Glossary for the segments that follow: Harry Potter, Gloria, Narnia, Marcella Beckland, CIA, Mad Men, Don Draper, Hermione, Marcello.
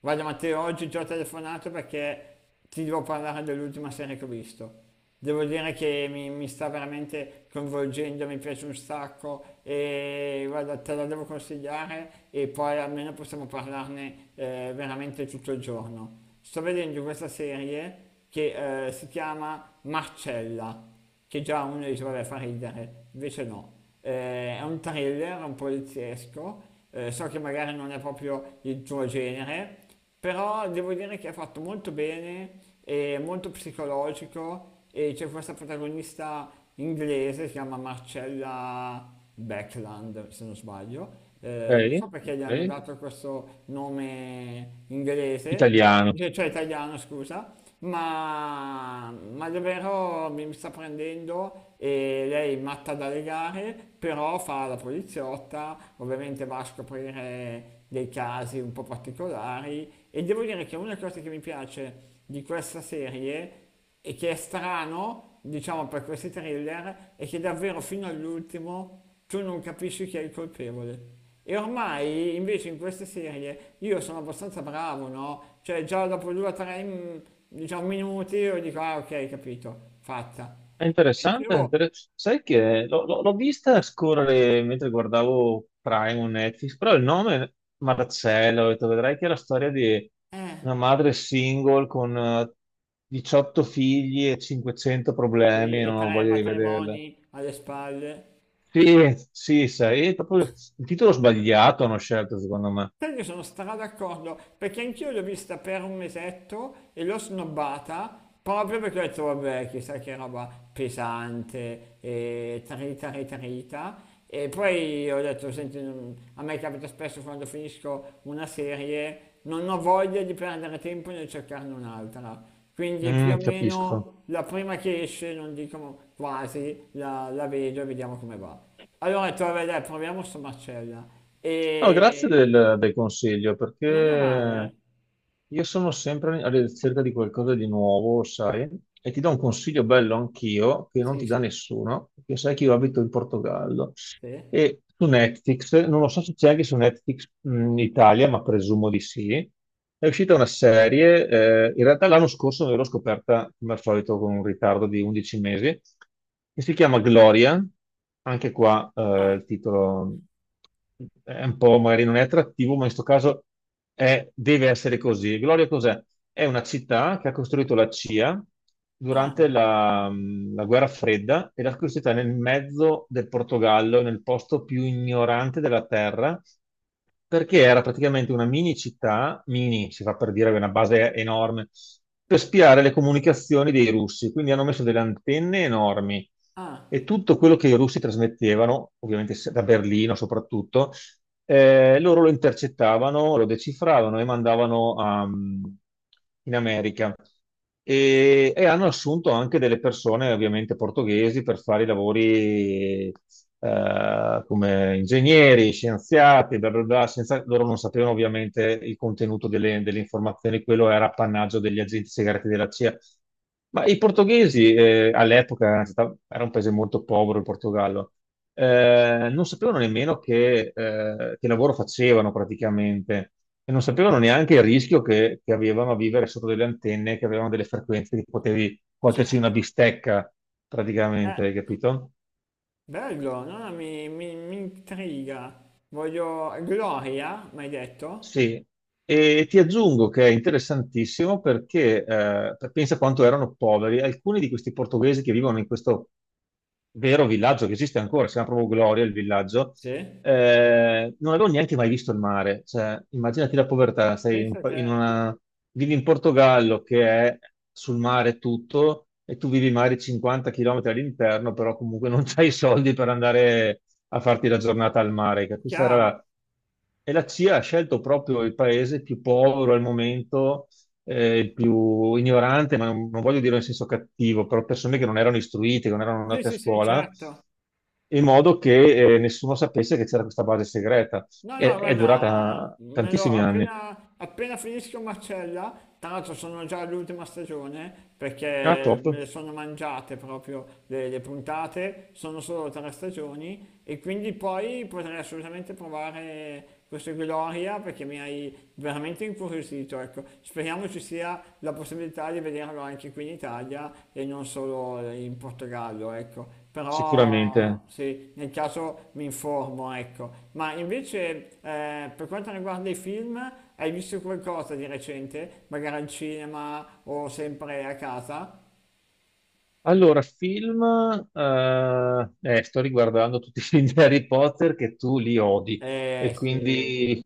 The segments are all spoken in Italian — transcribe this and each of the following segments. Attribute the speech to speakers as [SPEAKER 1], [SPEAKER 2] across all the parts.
[SPEAKER 1] Guarda, Matteo, oggi ti ho telefonato perché ti devo parlare dell'ultima serie che ho visto. Devo dire che mi sta veramente coinvolgendo, mi piace un sacco e guarda, te la devo consigliare e poi almeno possiamo parlarne, veramente tutto il giorno. Sto vedendo questa serie che si chiama Marcella, che già uno dice vabbè, fa ridere, invece no, è un thriller, un poliziesco, so che magari non è proprio il tuo genere, però devo dire che è fatto molto bene, è molto psicologico e c'è questa protagonista inglese, si chiama Marcella Beckland, se non sbaglio, non
[SPEAKER 2] Ok,
[SPEAKER 1] so perché gli hanno
[SPEAKER 2] ok.
[SPEAKER 1] dato questo nome inglese,
[SPEAKER 2] Italiano.
[SPEAKER 1] cioè italiano, scusa, ma davvero mi sta prendendo e lei è matta dalle gare, però fa la poliziotta, ovviamente va a scoprire dei casi un po' particolari e devo dire che una cosa che mi piace di questa serie e che è strano, diciamo, per questi thriller, è che davvero fino all'ultimo tu non capisci chi è il colpevole. E ormai invece in queste serie io sono abbastanza bravo, no? Cioè già dopo due o tre, diciamo, minuti io dico, ah, ok, capito, fatta.
[SPEAKER 2] È
[SPEAKER 1] Invece,
[SPEAKER 2] interessante.
[SPEAKER 1] oh,
[SPEAKER 2] Sai che l'ho vista scorrere mentre guardavo Prime o Netflix, però il nome Marcello, ho detto, vedrai che è la storia di
[SPEAKER 1] eh,
[SPEAKER 2] una madre single con 18 figli e 500
[SPEAKER 1] sì,
[SPEAKER 2] problemi,
[SPEAKER 1] e
[SPEAKER 2] non ho
[SPEAKER 1] tre
[SPEAKER 2] voglia di vederla.
[SPEAKER 1] matrimoni alle spalle.
[SPEAKER 2] Sì, sì, sai, è proprio il titolo sbagliato hanno scelto, secondo me.
[SPEAKER 1] Sai che sono stra d'accordo, perché anch'io l'ho vista per un mesetto e l'ho snobbata proprio perché ho detto, vabbè, chissà che roba pesante e trita, trita, trita. E poi ho detto, senti, non- a me capita spesso quando finisco una serie, non ho voglia di perdere tempo nel cercarne un'altra. Quindi più o
[SPEAKER 2] Mm, capisco.
[SPEAKER 1] meno la prima che esce, non dico quasi, la vedo e vediamo come va. Allora ho detto, vabbè, dai, proviamo sto Marcella.
[SPEAKER 2] No, grazie
[SPEAKER 1] E
[SPEAKER 2] del consiglio
[SPEAKER 1] non è male,
[SPEAKER 2] perché
[SPEAKER 1] eh?
[SPEAKER 2] io sono sempre alla ricerca di qualcosa di nuovo, sai, e ti do un consiglio bello anch'io che non
[SPEAKER 1] Sì,
[SPEAKER 2] ti dà
[SPEAKER 1] sì.
[SPEAKER 2] nessuno, perché sai che io abito in Portogallo
[SPEAKER 1] Sì?
[SPEAKER 2] e su Netflix, non lo so se c'è anche su Netflix in Italia, ma presumo di sì, è uscita una serie, in realtà l'anno scorso me l'ho scoperta come al solito con un ritardo di 11 mesi, che si chiama Gloria, anche qua
[SPEAKER 1] Ah,
[SPEAKER 2] il titolo è un po', magari non è attrattivo, ma in questo caso deve essere così. Gloria cos'è? È una città che ha costruito la CIA
[SPEAKER 1] ah,
[SPEAKER 2] durante la guerra fredda e l'ha costruita nel mezzo del Portogallo, nel posto più ignorante della terra, perché era praticamente una mini città, mini si fa per dire, aveva una base enorme, per spiare le comunicazioni dei russi. Quindi hanno messo delle antenne enormi
[SPEAKER 1] ah,
[SPEAKER 2] e tutto quello che i russi trasmettevano, ovviamente da Berlino soprattutto, loro lo intercettavano, lo decifravano e in America. E hanno assunto anche delle persone, ovviamente portoghesi, per fare i lavori come ingegneri, scienziati, bla bla bla, loro non sapevano ovviamente il contenuto delle informazioni, quello era appannaggio degli agenti segreti della CIA. Ma i portoghesi all'epoca era un paese molto povero, il Portogallo, non sapevano nemmeno che lavoro facevano praticamente e non sapevano neanche il rischio che avevano a vivere sotto delle antenne, che avevano delle frequenze che potevi cuocerci una
[SPEAKER 1] certo.
[SPEAKER 2] bistecca
[SPEAKER 1] Eh,
[SPEAKER 2] praticamente, hai capito?
[SPEAKER 1] bello, no, no, mi intriga. Voglio... Gloria, mi hai detto?
[SPEAKER 2] Sì, e ti aggiungo che è interessantissimo perché pensa quanto erano poveri alcuni di questi portoghesi che vivono in questo vero villaggio che esiste ancora, si chiama proprio Gloria il villaggio,
[SPEAKER 1] Sì?
[SPEAKER 2] non avevo neanche mai visto il mare. Cioè, immaginati la povertà,
[SPEAKER 1] Pensa a te.
[SPEAKER 2] in una, vivi in Portogallo che è sul mare tutto e tu vivi magari 50 km all'interno, però comunque non hai i soldi per andare a farti la giornata al mare, che questa era
[SPEAKER 1] Chiaro.
[SPEAKER 2] la... E la CIA ha scelto proprio il paese più povero al momento, il più ignorante, ma non voglio dire in senso cattivo, però persone che non erano istruite, che non erano
[SPEAKER 1] Sì,
[SPEAKER 2] andate a
[SPEAKER 1] sì, sì,
[SPEAKER 2] scuola,
[SPEAKER 1] certo.
[SPEAKER 2] in modo che nessuno sapesse che c'era questa base segreta.
[SPEAKER 1] No, no,
[SPEAKER 2] È
[SPEAKER 1] guarda,
[SPEAKER 2] durata
[SPEAKER 1] me lo-
[SPEAKER 2] tantissimi anni.
[SPEAKER 1] appena finisco Marcella, tra l'altro sono già all'ultima stagione
[SPEAKER 2] Ah,
[SPEAKER 1] perché
[SPEAKER 2] top,
[SPEAKER 1] me le sono mangiate proprio le puntate, sono solo tre stagioni e quindi poi potrei assolutamente provare questo Gloria perché mi hai veramente incuriosito, ecco. Speriamo ci sia la possibilità di vederlo anche qui in Italia e non solo in Portogallo, ecco. Però
[SPEAKER 2] sicuramente.
[SPEAKER 1] sì, nel caso mi informo, ecco. Ma invece, per quanto riguarda i film, hai visto qualcosa di recente? Magari al cinema o sempre a casa?
[SPEAKER 2] Allora, film, sto riguardando tutti i film di Harry Potter che tu li odi e
[SPEAKER 1] Eh sì.
[SPEAKER 2] quindi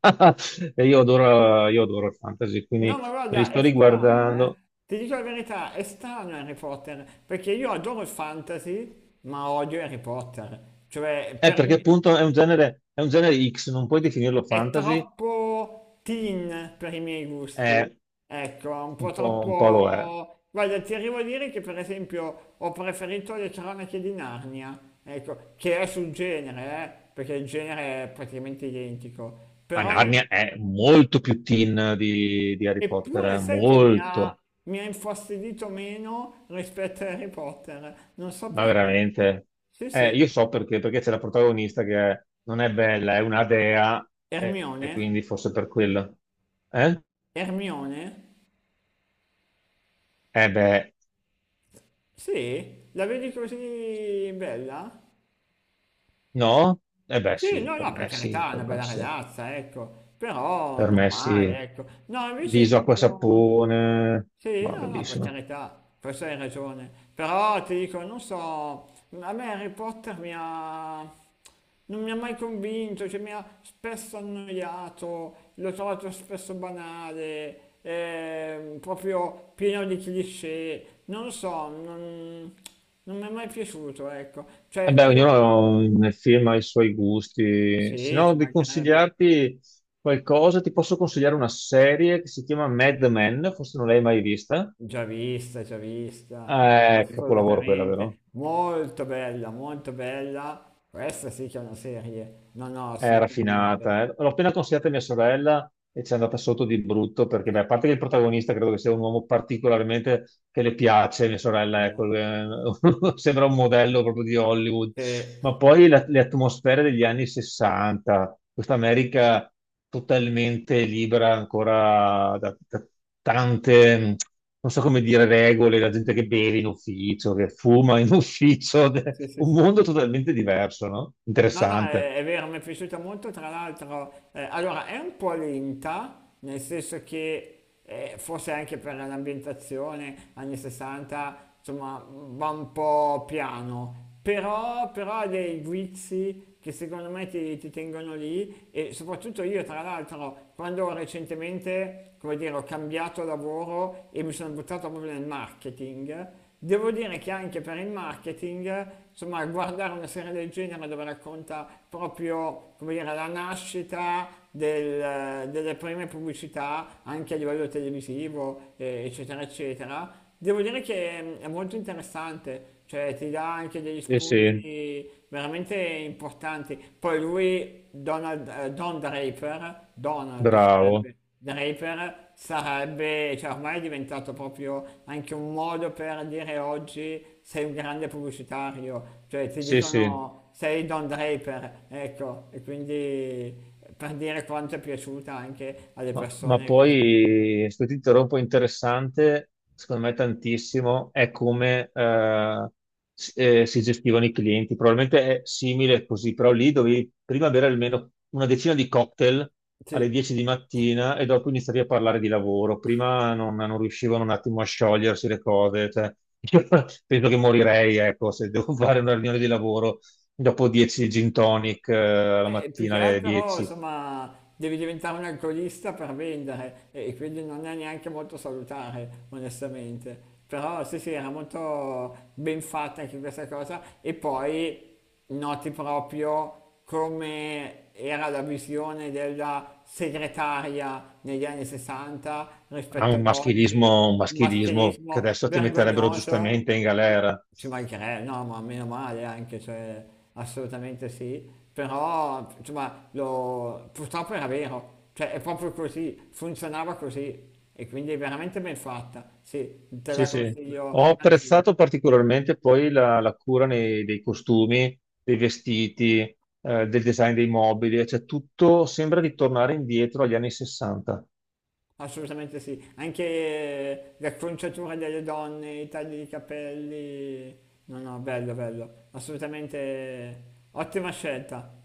[SPEAKER 2] e io adoro il fantasy,
[SPEAKER 1] No,
[SPEAKER 2] quindi
[SPEAKER 1] ma
[SPEAKER 2] me li
[SPEAKER 1] guarda, è
[SPEAKER 2] sto
[SPEAKER 1] strano, eh.
[SPEAKER 2] riguardando.
[SPEAKER 1] Ti dico la verità, è strano Harry Potter, perché io adoro il fantasy, ma odio Harry Potter. Cioè, per
[SPEAKER 2] Perché
[SPEAKER 1] i-
[SPEAKER 2] appunto è un genere X, non puoi definirlo
[SPEAKER 1] è
[SPEAKER 2] fantasy,
[SPEAKER 1] troppo teen per i miei gusti.
[SPEAKER 2] è
[SPEAKER 1] Ecco, un po'
[SPEAKER 2] un po' lo è.
[SPEAKER 1] troppo... Guarda, ti arrivo a dire che per esempio ho preferito Le cronache di Narnia, ecco, che è sul genere, perché il genere è praticamente identico.
[SPEAKER 2] Ma
[SPEAKER 1] Però non-
[SPEAKER 2] Narnia è molto più teen di Harry Potter,
[SPEAKER 1] Eppure sai che
[SPEAKER 2] molto.
[SPEAKER 1] mi ha infastidito meno rispetto a Harry Potter, non so
[SPEAKER 2] Ma
[SPEAKER 1] perché.
[SPEAKER 2] veramente?
[SPEAKER 1] Sì, sì,
[SPEAKER 2] Io so perché, perché c'è la protagonista non è bella, è una dea, e
[SPEAKER 1] Hermione,
[SPEAKER 2] quindi forse per quello. Eh?
[SPEAKER 1] Hermione,
[SPEAKER 2] Eh beh,
[SPEAKER 1] sì, la vedi così bella?
[SPEAKER 2] no? Eh beh
[SPEAKER 1] Sì,
[SPEAKER 2] sì,
[SPEAKER 1] no,
[SPEAKER 2] per
[SPEAKER 1] no, per
[SPEAKER 2] me sì,
[SPEAKER 1] carità, è una
[SPEAKER 2] per me
[SPEAKER 1] bella
[SPEAKER 2] sì.
[SPEAKER 1] ragazza, ecco, però
[SPEAKER 2] Per me sì.
[SPEAKER 1] normale, ecco. No, invece
[SPEAKER 2] Viso,
[SPEAKER 1] ti
[SPEAKER 2] acqua, e
[SPEAKER 1] dico...
[SPEAKER 2] sapone,
[SPEAKER 1] Sì,
[SPEAKER 2] ma
[SPEAKER 1] no, no, per
[SPEAKER 2] bellissimo.
[SPEAKER 1] carità, forse hai ragione, però ti dico, non so, a me Harry Potter mi ha... non mi ha mai convinto, cioè mi ha spesso annoiato, l'ho trovato spesso banale, proprio pieno di cliché, non lo so, non, non mi è mai piaciuto, ecco,
[SPEAKER 2] Eh
[SPEAKER 1] cioè
[SPEAKER 2] beh,
[SPEAKER 1] io...
[SPEAKER 2] ognuno nel film ha i suoi gusti. Se
[SPEAKER 1] Sì,
[SPEAKER 2] no,
[SPEAKER 1] ci
[SPEAKER 2] di
[SPEAKER 1] mancherebbe.
[SPEAKER 2] consigliarti qualcosa, ti posso consigliare una serie che si chiama Mad Men, forse non l'hai mai vista.
[SPEAKER 1] Già vista,
[SPEAKER 2] Capolavoro quella, vero?
[SPEAKER 1] assolutamente, molto bella, molto bella. Questa sì che è una serie, no, no,
[SPEAKER 2] È
[SPEAKER 1] assolutamente.
[SPEAKER 2] raffinata, eh. L'ho appena consigliata a mia sorella e ci è andata sotto di brutto perché, beh, a parte che il protagonista credo che sia un uomo particolarmente che le piace, mia
[SPEAKER 1] Eh
[SPEAKER 2] sorella, ecco,
[SPEAKER 1] beh, sì, sì, sì.
[SPEAKER 2] sembra un modello proprio di Hollywood,
[SPEAKER 1] Sì,
[SPEAKER 2] ma poi le atmosfere degli anni 60, questa America totalmente libera ancora da tante, non so come dire, regole, la gente che beve in ufficio, che fuma in ufficio,
[SPEAKER 1] sì, sì,
[SPEAKER 2] un
[SPEAKER 1] sì, sì.
[SPEAKER 2] mondo totalmente diverso, no?
[SPEAKER 1] No, no,
[SPEAKER 2] Interessante.
[SPEAKER 1] è vero, mi è piaciuta molto, tra l'altro, allora è un po' lenta, nel senso che forse anche per l'ambientazione anni 60, insomma, va un po' piano, però, però ha dei guizzi che secondo me ti tengono lì e soprattutto io, tra l'altro, quando recentemente, come dire, ho cambiato lavoro e mi sono buttato proprio nel marketing, devo dire che anche per il marketing, insomma, guardare una serie del genere dove racconta proprio, come dire, la nascita del- delle prime pubblicità, anche a livello televisivo, eccetera, eccetera, devo dire che è molto interessante, cioè ti dà anche degli
[SPEAKER 2] Sì, sì,
[SPEAKER 1] spunti veramente importanti. Poi lui, Donald, Don Draper, Donald
[SPEAKER 2] bravo.
[SPEAKER 1] sarebbe. Draper sarebbe, cioè ormai è diventato proprio anche un modo per dire oggi sei un grande pubblicitario, cioè ti
[SPEAKER 2] Sì, sì.
[SPEAKER 1] dicono sei Don Draper, ecco, e quindi per dire quanto è piaciuta anche alle
[SPEAKER 2] Ma
[SPEAKER 1] persone questa.
[SPEAKER 2] poi, questo titolo un po' interessante, secondo me tantissimo, è come si gestivano i clienti. Probabilmente è simile così, però lì dovevi prima bere almeno una decina di cocktail alle
[SPEAKER 1] Sì.
[SPEAKER 2] 10 di mattina e dopo iniziavi a parlare di lavoro. Prima non riuscivano un attimo a sciogliersi le cose. Cioè, io penso che morirei, ecco, se devo fare una riunione di lavoro dopo 10 gin tonic la
[SPEAKER 1] Più che
[SPEAKER 2] mattina alle
[SPEAKER 1] altro,
[SPEAKER 2] 10.
[SPEAKER 1] insomma, devi diventare un alcolista per vendere e quindi non è neanche molto salutare, onestamente. Però sì, sì, era molto ben fatta anche questa cosa e poi noti proprio come era la visione della segretaria negli anni 60
[SPEAKER 2] Ha
[SPEAKER 1] rispetto ad oggi,
[SPEAKER 2] un
[SPEAKER 1] un
[SPEAKER 2] maschilismo che
[SPEAKER 1] maschilismo
[SPEAKER 2] adesso ti metterebbero
[SPEAKER 1] vergognoso,
[SPEAKER 2] giustamente in galera.
[SPEAKER 1] ci mancherebbe, no, ma meno male anche, cioè, assolutamente sì, però, insomma, lo- purtroppo era vero, cioè, è proprio così, funzionava così, e quindi è veramente ben fatta, sì, te
[SPEAKER 2] Sì,
[SPEAKER 1] la
[SPEAKER 2] sì.
[SPEAKER 1] consiglio,
[SPEAKER 2] Ho
[SPEAKER 1] anzi,
[SPEAKER 2] apprezzato particolarmente poi la cura dei costumi, dei vestiti, del design dei mobili, cioè tutto sembra di tornare indietro agli anni 60.
[SPEAKER 1] assolutamente sì, anche l'acconciatura delle donne, i tagli di capelli, no, no, bello, bello, assolutamente ottima scelta.